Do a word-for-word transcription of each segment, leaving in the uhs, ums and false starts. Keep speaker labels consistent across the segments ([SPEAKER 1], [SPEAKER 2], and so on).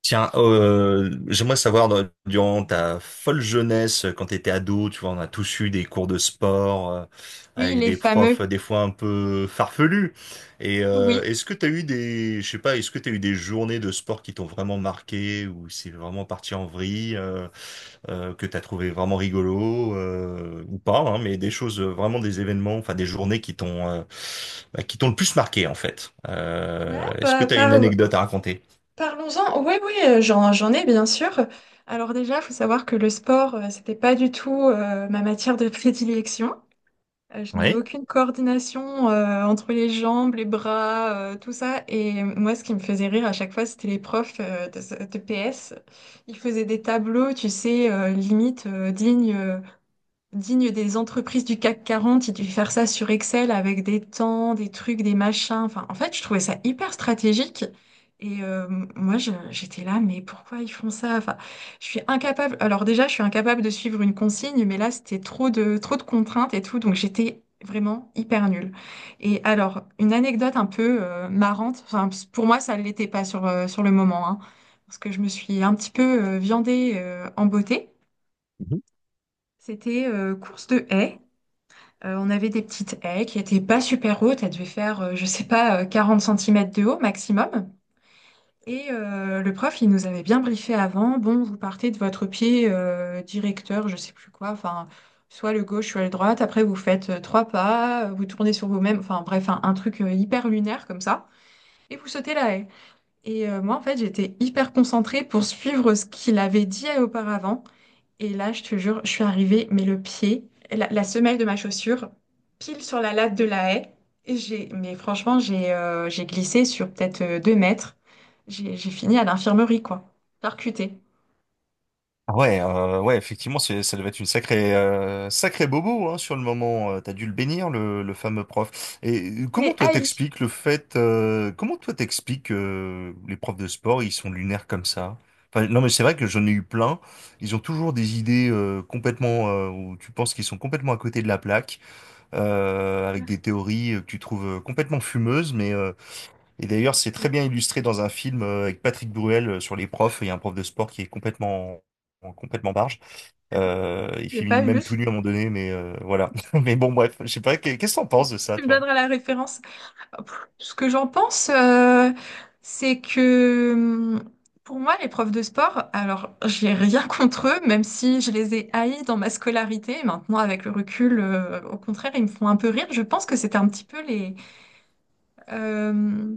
[SPEAKER 1] Tiens, euh, j'aimerais savoir, dans- durant ta folle jeunesse, quand tu étais ado, tu vois, on a tous eu des cours de sport euh,
[SPEAKER 2] Oui,
[SPEAKER 1] avec
[SPEAKER 2] les
[SPEAKER 1] des profs
[SPEAKER 2] fameux.
[SPEAKER 1] euh, des fois un peu farfelus. Et euh,
[SPEAKER 2] Oui.
[SPEAKER 1] est-ce que tu as eu des, je sais pas, est-ce que tu as eu des journées de sport qui t'ont vraiment marqué ou c'est vraiment parti en vrille, euh, euh, que tu as trouvé vraiment rigolo euh, ou pas, hein, mais des choses, euh, vraiment des événements, enfin des journées qui t'ont euh, bah, qui t'ont le plus marqué en fait.
[SPEAKER 2] Ouais,
[SPEAKER 1] Euh, est-ce que
[SPEAKER 2] bah,
[SPEAKER 1] tu as une
[SPEAKER 2] par-
[SPEAKER 1] anecdote à raconter?
[SPEAKER 2] parlons-en. Oui, oui, euh, j'en, j'en ai bien sûr. Alors déjà, il faut savoir que le sport, euh, c'était pas du tout euh, ma matière de prédilection. Euh, je n'ai
[SPEAKER 1] Oui.
[SPEAKER 2] aucune coordination euh, entre les jambes, les bras, euh, tout ça. Et moi, ce qui me faisait rire à chaque fois, c'était les profs euh, de, de P S. Ils faisaient des tableaux, tu sais, euh, limite euh, dignes euh, digne des entreprises du CAC quarante, ils devaient faire ça sur Excel avec des temps, des trucs, des machins. Enfin, en fait, je trouvais ça hyper stratégique. Et euh, moi, je- j'étais là, mais pourquoi ils font ça? Enfin, je suis incapable. Alors déjà, je suis incapable de suivre une consigne, mais là, c'était trop de trop de contraintes et tout, donc j'étais vraiment hyper nulle. Et alors, une anecdote un peu euh, marrante. Enfin, pour moi, ça ne l'était pas sur euh, sur le moment, hein, parce que je me suis un petit peu euh, viandée euh, en beauté. C'était euh, course de haies. Euh, on avait des petites haies qui étaient pas super hautes, elles devaient faire, euh, je sais pas, euh, quarante centimètres de haut maximum. Et euh, le prof, il nous avait bien briefé avant, bon, vous partez de votre pied euh, directeur, je sais plus quoi, enfin, soit le gauche, soit le droite, après vous faites euh, trois pas, euh, vous tournez sur vous-même, enfin bref, un, un truc euh, hyper lunaire comme ça, et vous sautez la haie. Et euh, moi, en fait, j'étais hyper concentrée pour suivre ce qu'il avait dit auparavant. Et là, je te jure, je suis arrivée, mais le pied, la, la semelle de ma chaussure, pile sur la latte de la haie. Et j'ai, mais franchement, j'ai euh, j'ai glissé sur peut-être euh, deux mètres. J'ai j'ai fini à l'infirmerie, quoi. Percutée.
[SPEAKER 1] Ah ouais, euh, ouais, effectivement, c'est, ça devait être une sacrée, euh, sacrée bobo hein, sur le moment. Euh, T'as dû le bénir, le, le fameux prof. Et euh, comment
[SPEAKER 2] Les
[SPEAKER 1] toi
[SPEAKER 2] haïs.
[SPEAKER 1] t'expliques le fait, euh, comment toi t'expliques euh, les profs de sport, ils sont lunaires comme ça? Enfin, non, mais c'est vrai que j'en ai eu plein. Ils ont toujours des idées euh, complètement, euh, où tu penses qu'ils sont complètement à côté de la plaque, euh,
[SPEAKER 2] Je
[SPEAKER 1] avec des théories euh, que tu trouves euh, complètement fumeuses, mais euh, et d'ailleurs, c'est très bien illustré dans un film euh, avec Patrick Bruel euh, sur les profs. Il y a un prof de sport qui est complètement, en- complètement barge. Euh, il
[SPEAKER 2] l'ai pas
[SPEAKER 1] finit
[SPEAKER 2] vu.
[SPEAKER 1] même tout nu à un moment donné, mais euh, voilà. Mais bon, bref, je sais pas, qu'est- qu'est-ce que t'en penses de ça,
[SPEAKER 2] Tu me
[SPEAKER 1] toi?
[SPEAKER 2] donneras la référence. Pff, Ce que j'en pense, euh, c'est que hum, pour moi, les profs de sport, alors j'ai rien contre eux, même si je les ai haïs dans ma scolarité. Maintenant, avec le recul, euh, au contraire, ils me font un peu rire. Je pense que c'était un petit peu les, euh,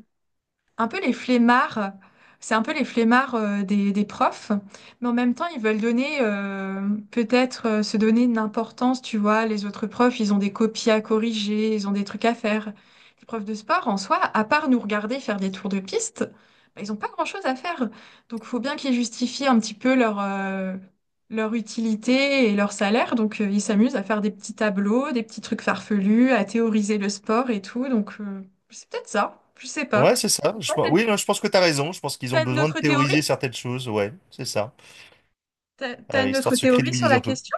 [SPEAKER 2] un peu les flemmards, c'est un peu les flemmards euh, des, des profs, mais en même temps, ils veulent donner, euh, peut-être euh, se donner une importance, tu vois, les autres profs, ils ont des copies à corriger, ils ont des trucs à faire. Les profs de sport, en soi, à part nous regarder faire des tours de piste, bah, ils n'ont pas grand-chose à faire. Donc, il faut bien qu'ils justifient un petit peu leur, euh, leur utilité et leur salaire. Donc, euh, ils s'amusent à faire des petits tableaux, des petits trucs farfelus, à théoriser le sport et tout. Donc, euh, c'est peut-être ça, je sais
[SPEAKER 1] Ouais,
[SPEAKER 2] pas.
[SPEAKER 1] c'est ça. Je, pense- oui, non, je pense que t'as raison. Je pense qu'ils ont
[SPEAKER 2] T'as une
[SPEAKER 1] besoin de
[SPEAKER 2] autre théorie?
[SPEAKER 1] théoriser certaines choses. Ouais, c'est ça.
[SPEAKER 2] T'as, t'as
[SPEAKER 1] Euh,
[SPEAKER 2] une
[SPEAKER 1] histoire
[SPEAKER 2] autre
[SPEAKER 1] de se
[SPEAKER 2] théorie sur
[SPEAKER 1] crédibiliser
[SPEAKER 2] la
[SPEAKER 1] un peu.
[SPEAKER 2] question?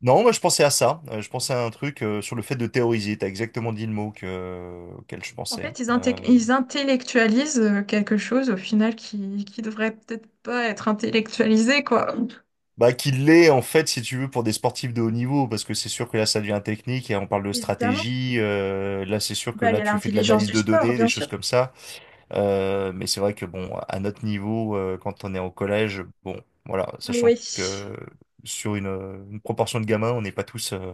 [SPEAKER 1] Non, moi je pensais à ça. Euh, je pensais à un truc euh, sur le fait de théoriser. T'as exactement dit le mot que, auquel je
[SPEAKER 2] En
[SPEAKER 1] pensais.
[SPEAKER 2] fait, ils, inte-
[SPEAKER 1] Euh,
[SPEAKER 2] ils intellectualisent euh, quelque chose au final qui, qui devrait peut-être pas être intellectualisé, quoi.
[SPEAKER 1] Bah, qu'il l'est, en fait, si tu veux, pour des sportifs de haut niveau, parce que c'est sûr que là, ça devient technique et on parle de
[SPEAKER 2] Évidemment.
[SPEAKER 1] stratégie. euh, là, c'est sûr que
[SPEAKER 2] Bah, il y
[SPEAKER 1] là,
[SPEAKER 2] a
[SPEAKER 1] tu fais de
[SPEAKER 2] l'intelligence
[SPEAKER 1] l'analyse
[SPEAKER 2] du
[SPEAKER 1] de
[SPEAKER 2] sport,
[SPEAKER 1] données, des
[SPEAKER 2] bien
[SPEAKER 1] choses
[SPEAKER 2] sûr.
[SPEAKER 1] comme ça. Euh, mais c'est vrai que, bon, à notre niveau, euh, quand on est au collège, bon, voilà, sachant
[SPEAKER 2] Oui, c'est
[SPEAKER 1] que sur une, une proportion de gamins, on n'est pas tous euh,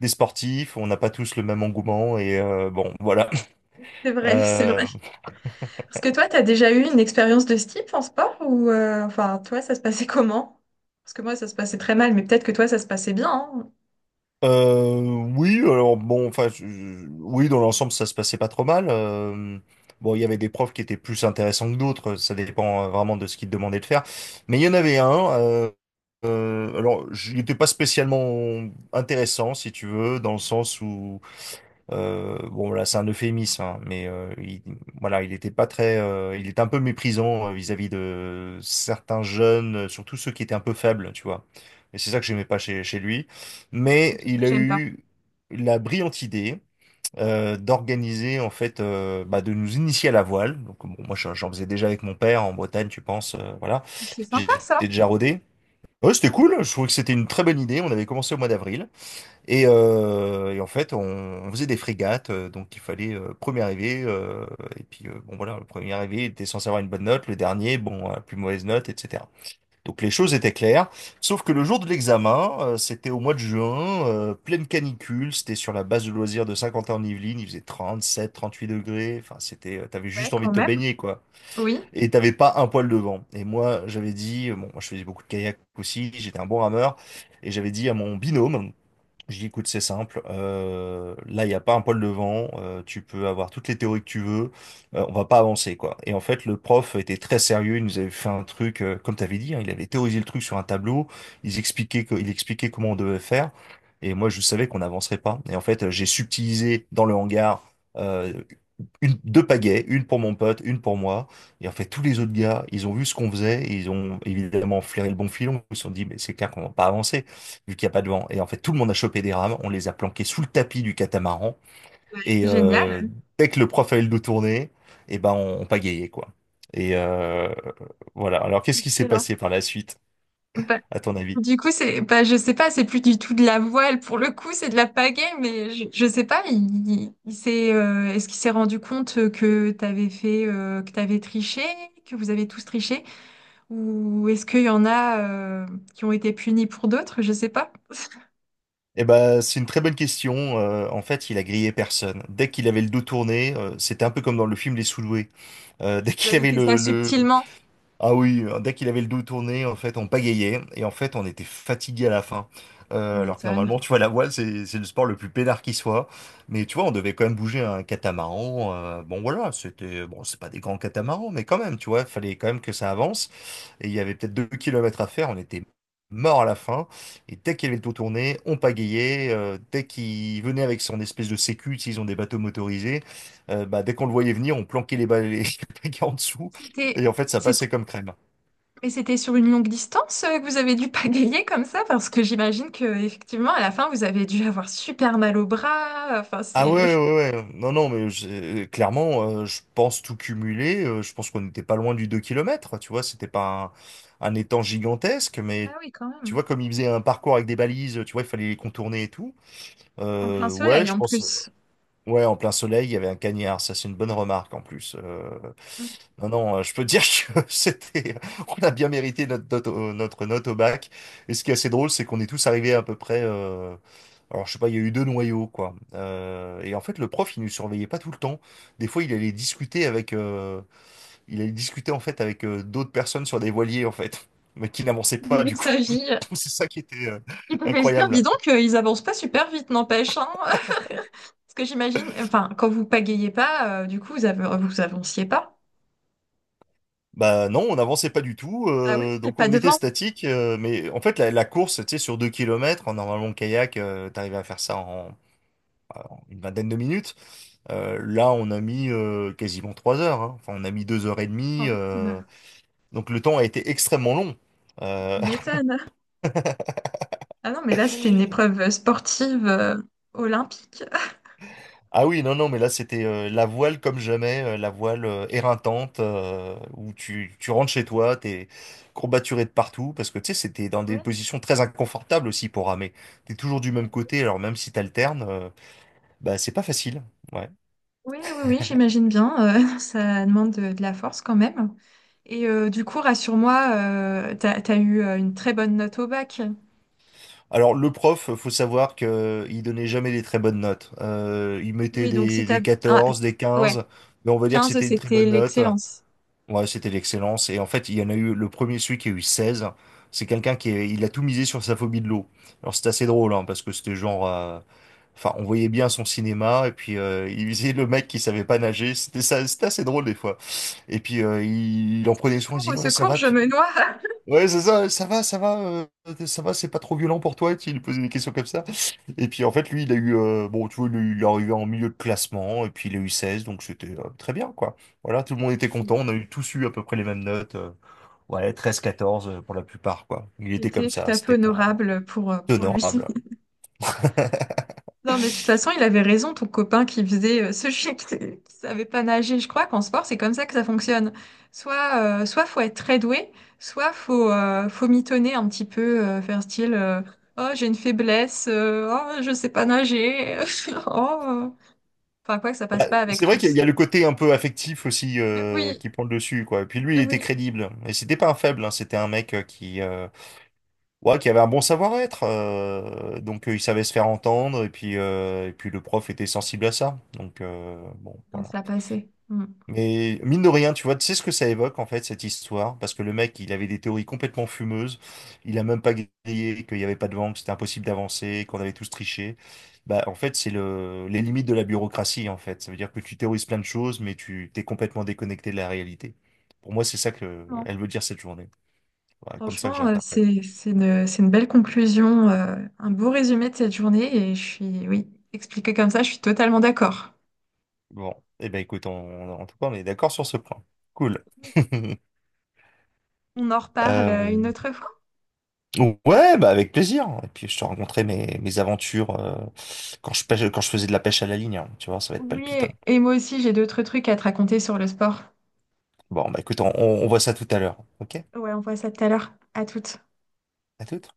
[SPEAKER 1] des sportifs, on n'a pas tous le même engouement et euh, bon, voilà.
[SPEAKER 2] vrai, c'est vrai.
[SPEAKER 1] Euh,
[SPEAKER 2] Parce que toi, t'as déjà eu une expérience de ce type en sport ou euh, enfin, toi, ça se passait comment? Parce que moi, ça se passait très mal, mais peut-être que toi, ça se passait bien, hein.
[SPEAKER 1] Euh, oui, alors bon, enfin, je- je- oui, dans l'ensemble, ça se passait pas trop mal. Euh, bon, il y avait des profs qui étaient plus intéressants que d'autres, ça dépend euh, vraiment de ce qu'ils te demandaient de faire. Mais il y en avait un, euh, euh, alors, il n'était pas spécialement intéressant, si tu veux, dans le sens où euh, bon là c'est un euphémisme, hein, mais euh, il, voilà il était pas très, euh, il était un peu méprisant euh, vis-à-vis de certains jeunes, euh, surtout ceux qui étaient un peu faibles, tu vois. Et c'est ça que j'aimais pas chez, chez lui.
[SPEAKER 2] C'est
[SPEAKER 1] Mais
[SPEAKER 2] tout ce que
[SPEAKER 1] il a
[SPEAKER 2] j'aime pas.
[SPEAKER 1] eu la brillante idée euh, d'organiser en fait, euh, bah, de nous initier à la voile. Donc bon, moi j'en j'en faisais déjà avec mon père en Bretagne, tu penses, euh, voilà,
[SPEAKER 2] C'est sympa,
[SPEAKER 1] j'étais
[SPEAKER 2] ça.
[SPEAKER 1] déjà rodé. Ouais, c'était cool. Je trouvais que c'était une très bonne idée. On avait commencé au mois d'avril. Et, euh, et en fait, on, on faisait des frégates, euh, donc il fallait euh, premier arrivé, euh, et puis euh, bon voilà, le premier arrivé était censé avoir une bonne note, le dernier, bon, euh, plus mauvaise note, et cetera. Donc les choses étaient claires, sauf que le jour de l'examen, euh, c'était au mois de juin, euh, pleine canicule, c'était sur la base de loisirs de Saint-Quentin-en-Yvelines, il faisait trente-sept, trente-huit degrés, enfin c'était, euh, t'avais
[SPEAKER 2] Ouais,
[SPEAKER 1] juste envie
[SPEAKER 2] quand
[SPEAKER 1] de te
[SPEAKER 2] même.
[SPEAKER 1] baigner quoi,
[SPEAKER 2] Oui.
[SPEAKER 1] et t'avais pas un poil de vent. Et moi, j'avais dit, euh, bon, moi je faisais beaucoup de kayak aussi, j'étais un bon rameur, et j'avais dit à mon binôme, je dis, écoute, c'est simple. euh, là, il n'y a pas un poil devant. euh, tu peux avoir toutes les théories que tu veux. euh, on va pas avancer, quoi. Et en fait, le prof était très sérieux. Il nous avait fait un truc, euh, comme tu avais dit, hein, il avait théorisé le truc sur un tableau. Il expliquait, que- il expliquait comment on devait faire. Et moi, je savais qu'on n'avancerait pas. Et en fait, euh, j'ai subtilisé dans le hangar euh, une, deux pagaies, une pour mon pote, une pour moi. Et en fait, tous les
[SPEAKER 2] Oui.
[SPEAKER 1] autres gars, ils ont vu ce qu'on faisait, et ils ont évidemment flairé le bon filon. Ils se sont dit, mais c'est clair qu'on va pas avancer vu qu'il n'y a pas de vent. Et en fait, tout le monde a chopé des rames, on les a planquées sous le tapis du catamaran, et euh,
[SPEAKER 2] Génial.
[SPEAKER 1] dès que le prof a eu le dos tourné, eh ben, on, on pagayait, quoi. Et euh, voilà. Alors, qu'est-ce qui s'est
[SPEAKER 2] Excellent.
[SPEAKER 1] passé par la suite, à ton avis?
[SPEAKER 2] Du coup, c'est, bah, je sais pas, c'est plus du tout de la voile. Pour le coup, c'est de la pagaie, mais je, je sais pas, il, il- il s'est, euh, est-ce qu'il s'est rendu compte que t'avais fait, euh, que t'avais triché, que vous avez tous triché, ou est-ce qu'il y en a, euh, qui ont été punis pour d'autres? Je sais pas.
[SPEAKER 1] Eh ben, c'est une très bonne question. Euh, en fait, il a grillé personne. Dès qu'il avait le dos tourné, euh, c'était un peu comme dans le film Les Sous-Doués. Euh, dès
[SPEAKER 2] Vous
[SPEAKER 1] qu'il
[SPEAKER 2] avez
[SPEAKER 1] avait
[SPEAKER 2] fait
[SPEAKER 1] le,
[SPEAKER 2] ça
[SPEAKER 1] le,
[SPEAKER 2] subtilement.
[SPEAKER 1] Ah oui, euh, dès qu'il avait le dos tourné, en fait, on pagayait et en fait, on était fatigué à la fin.
[SPEAKER 2] Tu
[SPEAKER 1] Euh, alors que
[SPEAKER 2] m'étonnes.
[SPEAKER 1] normalement, tu vois, la voile, c'est c'est le sport le plus peinard qui soit. Mais tu vois, on devait quand même bouger un catamaran. euh, bon, voilà, c'était bon, c'est pas des grands catamarans, mais quand même, tu vois, fallait quand même que ça avance. Et il y avait peut-être deux kilomètres à faire. On était mort à la fin. Et dès qu'il avait le dos tourné, on pagayait. euh, dès qu'il venait avec son espèce de sécu, s'ils ont des bateaux motorisés, euh, bah, dès qu'on le voyait venir, on planquait les balais les pagayes en dessous.
[SPEAKER 2] C'était,
[SPEAKER 1] Et en fait, ça passait
[SPEAKER 2] c'était,
[SPEAKER 1] comme crème.
[SPEAKER 2] mais c'était sur une longue distance, euh, que vous avez dû pagayer comme ça, parce que j'imagine que, effectivement, à la fin, vous avez dû avoir super mal au bras. Enfin,
[SPEAKER 1] Ah
[SPEAKER 2] c'est,
[SPEAKER 1] ouais, ouais, ouais. Ouais. Non, non, mais j'ai- clairement, euh, je pense tout cumuler. euh, je pense qu'on n'était pas loin du deux kilomètres. Tu vois, c'était pas un, un étang gigantesque,
[SPEAKER 2] ah
[SPEAKER 1] mais
[SPEAKER 2] oui, quand
[SPEAKER 1] tu
[SPEAKER 2] même.
[SPEAKER 1] vois, comme il faisait un parcours avec des balises, tu vois, il fallait les contourner et tout.
[SPEAKER 2] En plein
[SPEAKER 1] Euh, ouais,
[SPEAKER 2] soleil
[SPEAKER 1] je
[SPEAKER 2] en
[SPEAKER 1] pense.
[SPEAKER 2] plus.
[SPEAKER 1] Ouais, en plein soleil, il y avait un cagnard. Ça, c'est une bonne remarque en plus. Euh,
[SPEAKER 2] Mm.
[SPEAKER 1] Non, non, euh, je peux te dire que c'était. On a bien mérité notre note, au- notre note au bac. Et ce qui est assez drôle, c'est qu'on est tous arrivés à peu près. euh, Alors, je sais pas, il y a eu deux noyaux, quoi. Euh, Et en fait, le prof, il nous surveillait pas tout le temps. Des fois, il allait discuter avec. euh, Il allait discuter en fait avec euh, d'autres personnes sur des voiliers, en fait, mais qui n'avançaient pas
[SPEAKER 2] Il
[SPEAKER 1] du coup.
[SPEAKER 2] s'agit.
[SPEAKER 1] C'est ça qui était euh,
[SPEAKER 2] Il devait se dire, dis
[SPEAKER 1] incroyable.
[SPEAKER 2] donc, euh, ils avancent pas super vite, n'empêche, hein. Parce que j'imagine, enfin, quand vous pagayez pas, euh, du coup, vous av- vous avanciez pas.
[SPEAKER 1] Bah non, on n'avançait pas du tout,
[SPEAKER 2] Ah oui,
[SPEAKER 1] euh,
[SPEAKER 2] et
[SPEAKER 1] donc
[SPEAKER 2] pas
[SPEAKER 1] on
[SPEAKER 2] de
[SPEAKER 1] était
[SPEAKER 2] vent,
[SPEAKER 1] statique, euh, mais en fait la, la course, tu sais, sur deux kilomètres, en normalement le kayak, euh, t'arrivais à faire ça en, bah, en une vingtaine de minutes. Euh, là, on a mis euh, quasiment trois heures, hein. Enfin, on a mis deux heures et demie,
[SPEAKER 2] quand
[SPEAKER 1] euh,
[SPEAKER 2] même.
[SPEAKER 1] donc le temps a été extrêmement long. Euh,
[SPEAKER 2] Tu m'étonnes. Ah non, mais là, c'était une épreuve euh, sportive euh, olympique.
[SPEAKER 1] Ah oui, non, non, mais là, c'était euh, la voile comme jamais, euh, la voile euh, éreintante, euh, où tu, tu rentres chez toi, t'es courbaturé de partout, parce que tu sais, c'était dans des
[SPEAKER 2] Ouais.
[SPEAKER 1] positions très inconfortables aussi pour ramer. T'es toujours du même côté, alors même si t'alternes, euh, bah, c'est pas facile. Ouais.
[SPEAKER 2] Oui, oui, oui, j'imagine bien. Euh, ça demande de, de la force quand même. Et euh, du coup, rassure-moi, euh, t'as, t'as eu euh, une très bonne note au bac.
[SPEAKER 1] Alors, le prof, faut savoir que il donnait jamais des très bonnes notes. Euh, il mettait
[SPEAKER 2] Oui, donc si
[SPEAKER 1] des,
[SPEAKER 2] t'as...
[SPEAKER 1] des
[SPEAKER 2] Ah,
[SPEAKER 1] quatorze des
[SPEAKER 2] ouais.
[SPEAKER 1] quinze mais on va dire que
[SPEAKER 2] Quinze,
[SPEAKER 1] c'était une très
[SPEAKER 2] c'était
[SPEAKER 1] bonne note.
[SPEAKER 2] l'excellence.
[SPEAKER 1] Ouais, c'était l'excellence. Et en fait, il y en a eu le premier, celui qui a eu seize. C'est quelqu'un qui est- il a tout misé sur sa phobie de l'eau. Alors c'était assez drôle, hein, parce que c'était genre, euh, enfin, on voyait bien son cinéma. Et puis euh, il visait le mec qui savait pas nager. C'était ça, c'était assez drôle des fois. Et puis euh, il, il en
[SPEAKER 2] Au
[SPEAKER 1] prenait soin. Il
[SPEAKER 2] secours, au
[SPEAKER 1] disait ouais, ça
[SPEAKER 2] secours,
[SPEAKER 1] va.
[SPEAKER 2] je
[SPEAKER 1] Puis
[SPEAKER 2] me noie.
[SPEAKER 1] ouais, c'est ça, ça va, ça va, euh, ça va, c'est pas trop violent pour toi, tu lui posais des questions comme ça. Et puis en fait, lui, il a eu, euh, bon, tu vois, il est il est arrivé en milieu de classement, et puis il a eu seize donc c'était euh, très bien, quoi. Voilà, tout le monde était
[SPEAKER 2] Il
[SPEAKER 1] content, on a eu tous eu à peu près les mêmes notes, euh, ouais, treize à quatorze euh, pour la plupart, quoi. Il
[SPEAKER 2] il
[SPEAKER 1] était comme
[SPEAKER 2] était tout
[SPEAKER 1] ça,
[SPEAKER 2] à fait
[SPEAKER 1] c'était pas
[SPEAKER 2] honorable pour, euh, pour lui.
[SPEAKER 1] honorable.
[SPEAKER 2] Non, mais de toute façon, il avait raison, ton copain qui faisait euh, ce chien qui, qui savait pas nager. Je crois qu'en sport, c'est comme ça que ça fonctionne. Soit, euh, soit faut être très doué, soit faut, euh, faut mitonner un petit peu, euh, faire style euh, oh, j'ai une faiblesse, euh, oh, je sais pas nager. Oh, euh. Enfin, quoi que ça passe
[SPEAKER 1] Bah,
[SPEAKER 2] pas avec
[SPEAKER 1] c'est vrai qu'il
[SPEAKER 2] tous.
[SPEAKER 1] y a le côté un peu affectif aussi
[SPEAKER 2] Donc, oui,
[SPEAKER 1] euh, qui prend le dessus, quoi. Et puis lui, il était
[SPEAKER 2] oui.
[SPEAKER 1] crédible. Et c'était pas un faible, hein. C'était un mec euh, qui, euh, Ouais, qui avait un bon savoir-être. euh, donc euh, il savait se faire entendre et puis euh, et puis le prof était sensible à ça. Donc euh, bon
[SPEAKER 2] Donc,
[SPEAKER 1] voilà.
[SPEAKER 2] ça passait. Mm.
[SPEAKER 1] Mais mine de rien, tu vois, tu sais ce que ça évoque en fait cette histoire parce que le mec, il avait des théories complètement fumeuses. Il a même pas grillé qu'il y avait pas de vent, que c'était impossible d'avancer, qu'on avait tous triché. Bah en fait, c'est le les limites de la bureaucratie en fait. Ça veut dire que tu théorises plein de choses mais tu t'es complètement déconnecté de la réalité. Pour moi, c'est ça que elle veut dire cette journée. Voilà, comme ça que
[SPEAKER 2] Franchement, euh,
[SPEAKER 1] j'interprète.
[SPEAKER 2] c'est, c'est une, c'est une belle conclusion, euh, un beau résumé de cette journée et je suis, oui, expliqué comme ça, je suis totalement d'accord.
[SPEAKER 1] Bon, eh ben écoute, on, on- en tout cas, on est d'accord sur ce point. Cool.
[SPEAKER 2] Oui. On en reparle euh,
[SPEAKER 1] Euh,
[SPEAKER 2] une autre fois.
[SPEAKER 1] ouais, bah avec plaisir. Et puis je te raconterai mes, mes aventures euh, quand je pêche, quand je faisais de la pêche à la ligne. Hein. Tu vois, ça va être palpitant.
[SPEAKER 2] Oui, et moi aussi, j'ai d'autres trucs à te raconter sur le sport.
[SPEAKER 1] Bon, bah écoute, on, on on voit ça tout à l'heure. Ok?
[SPEAKER 2] Ouais, on voit ça tout à l'heure. À toutes.
[SPEAKER 1] À toute.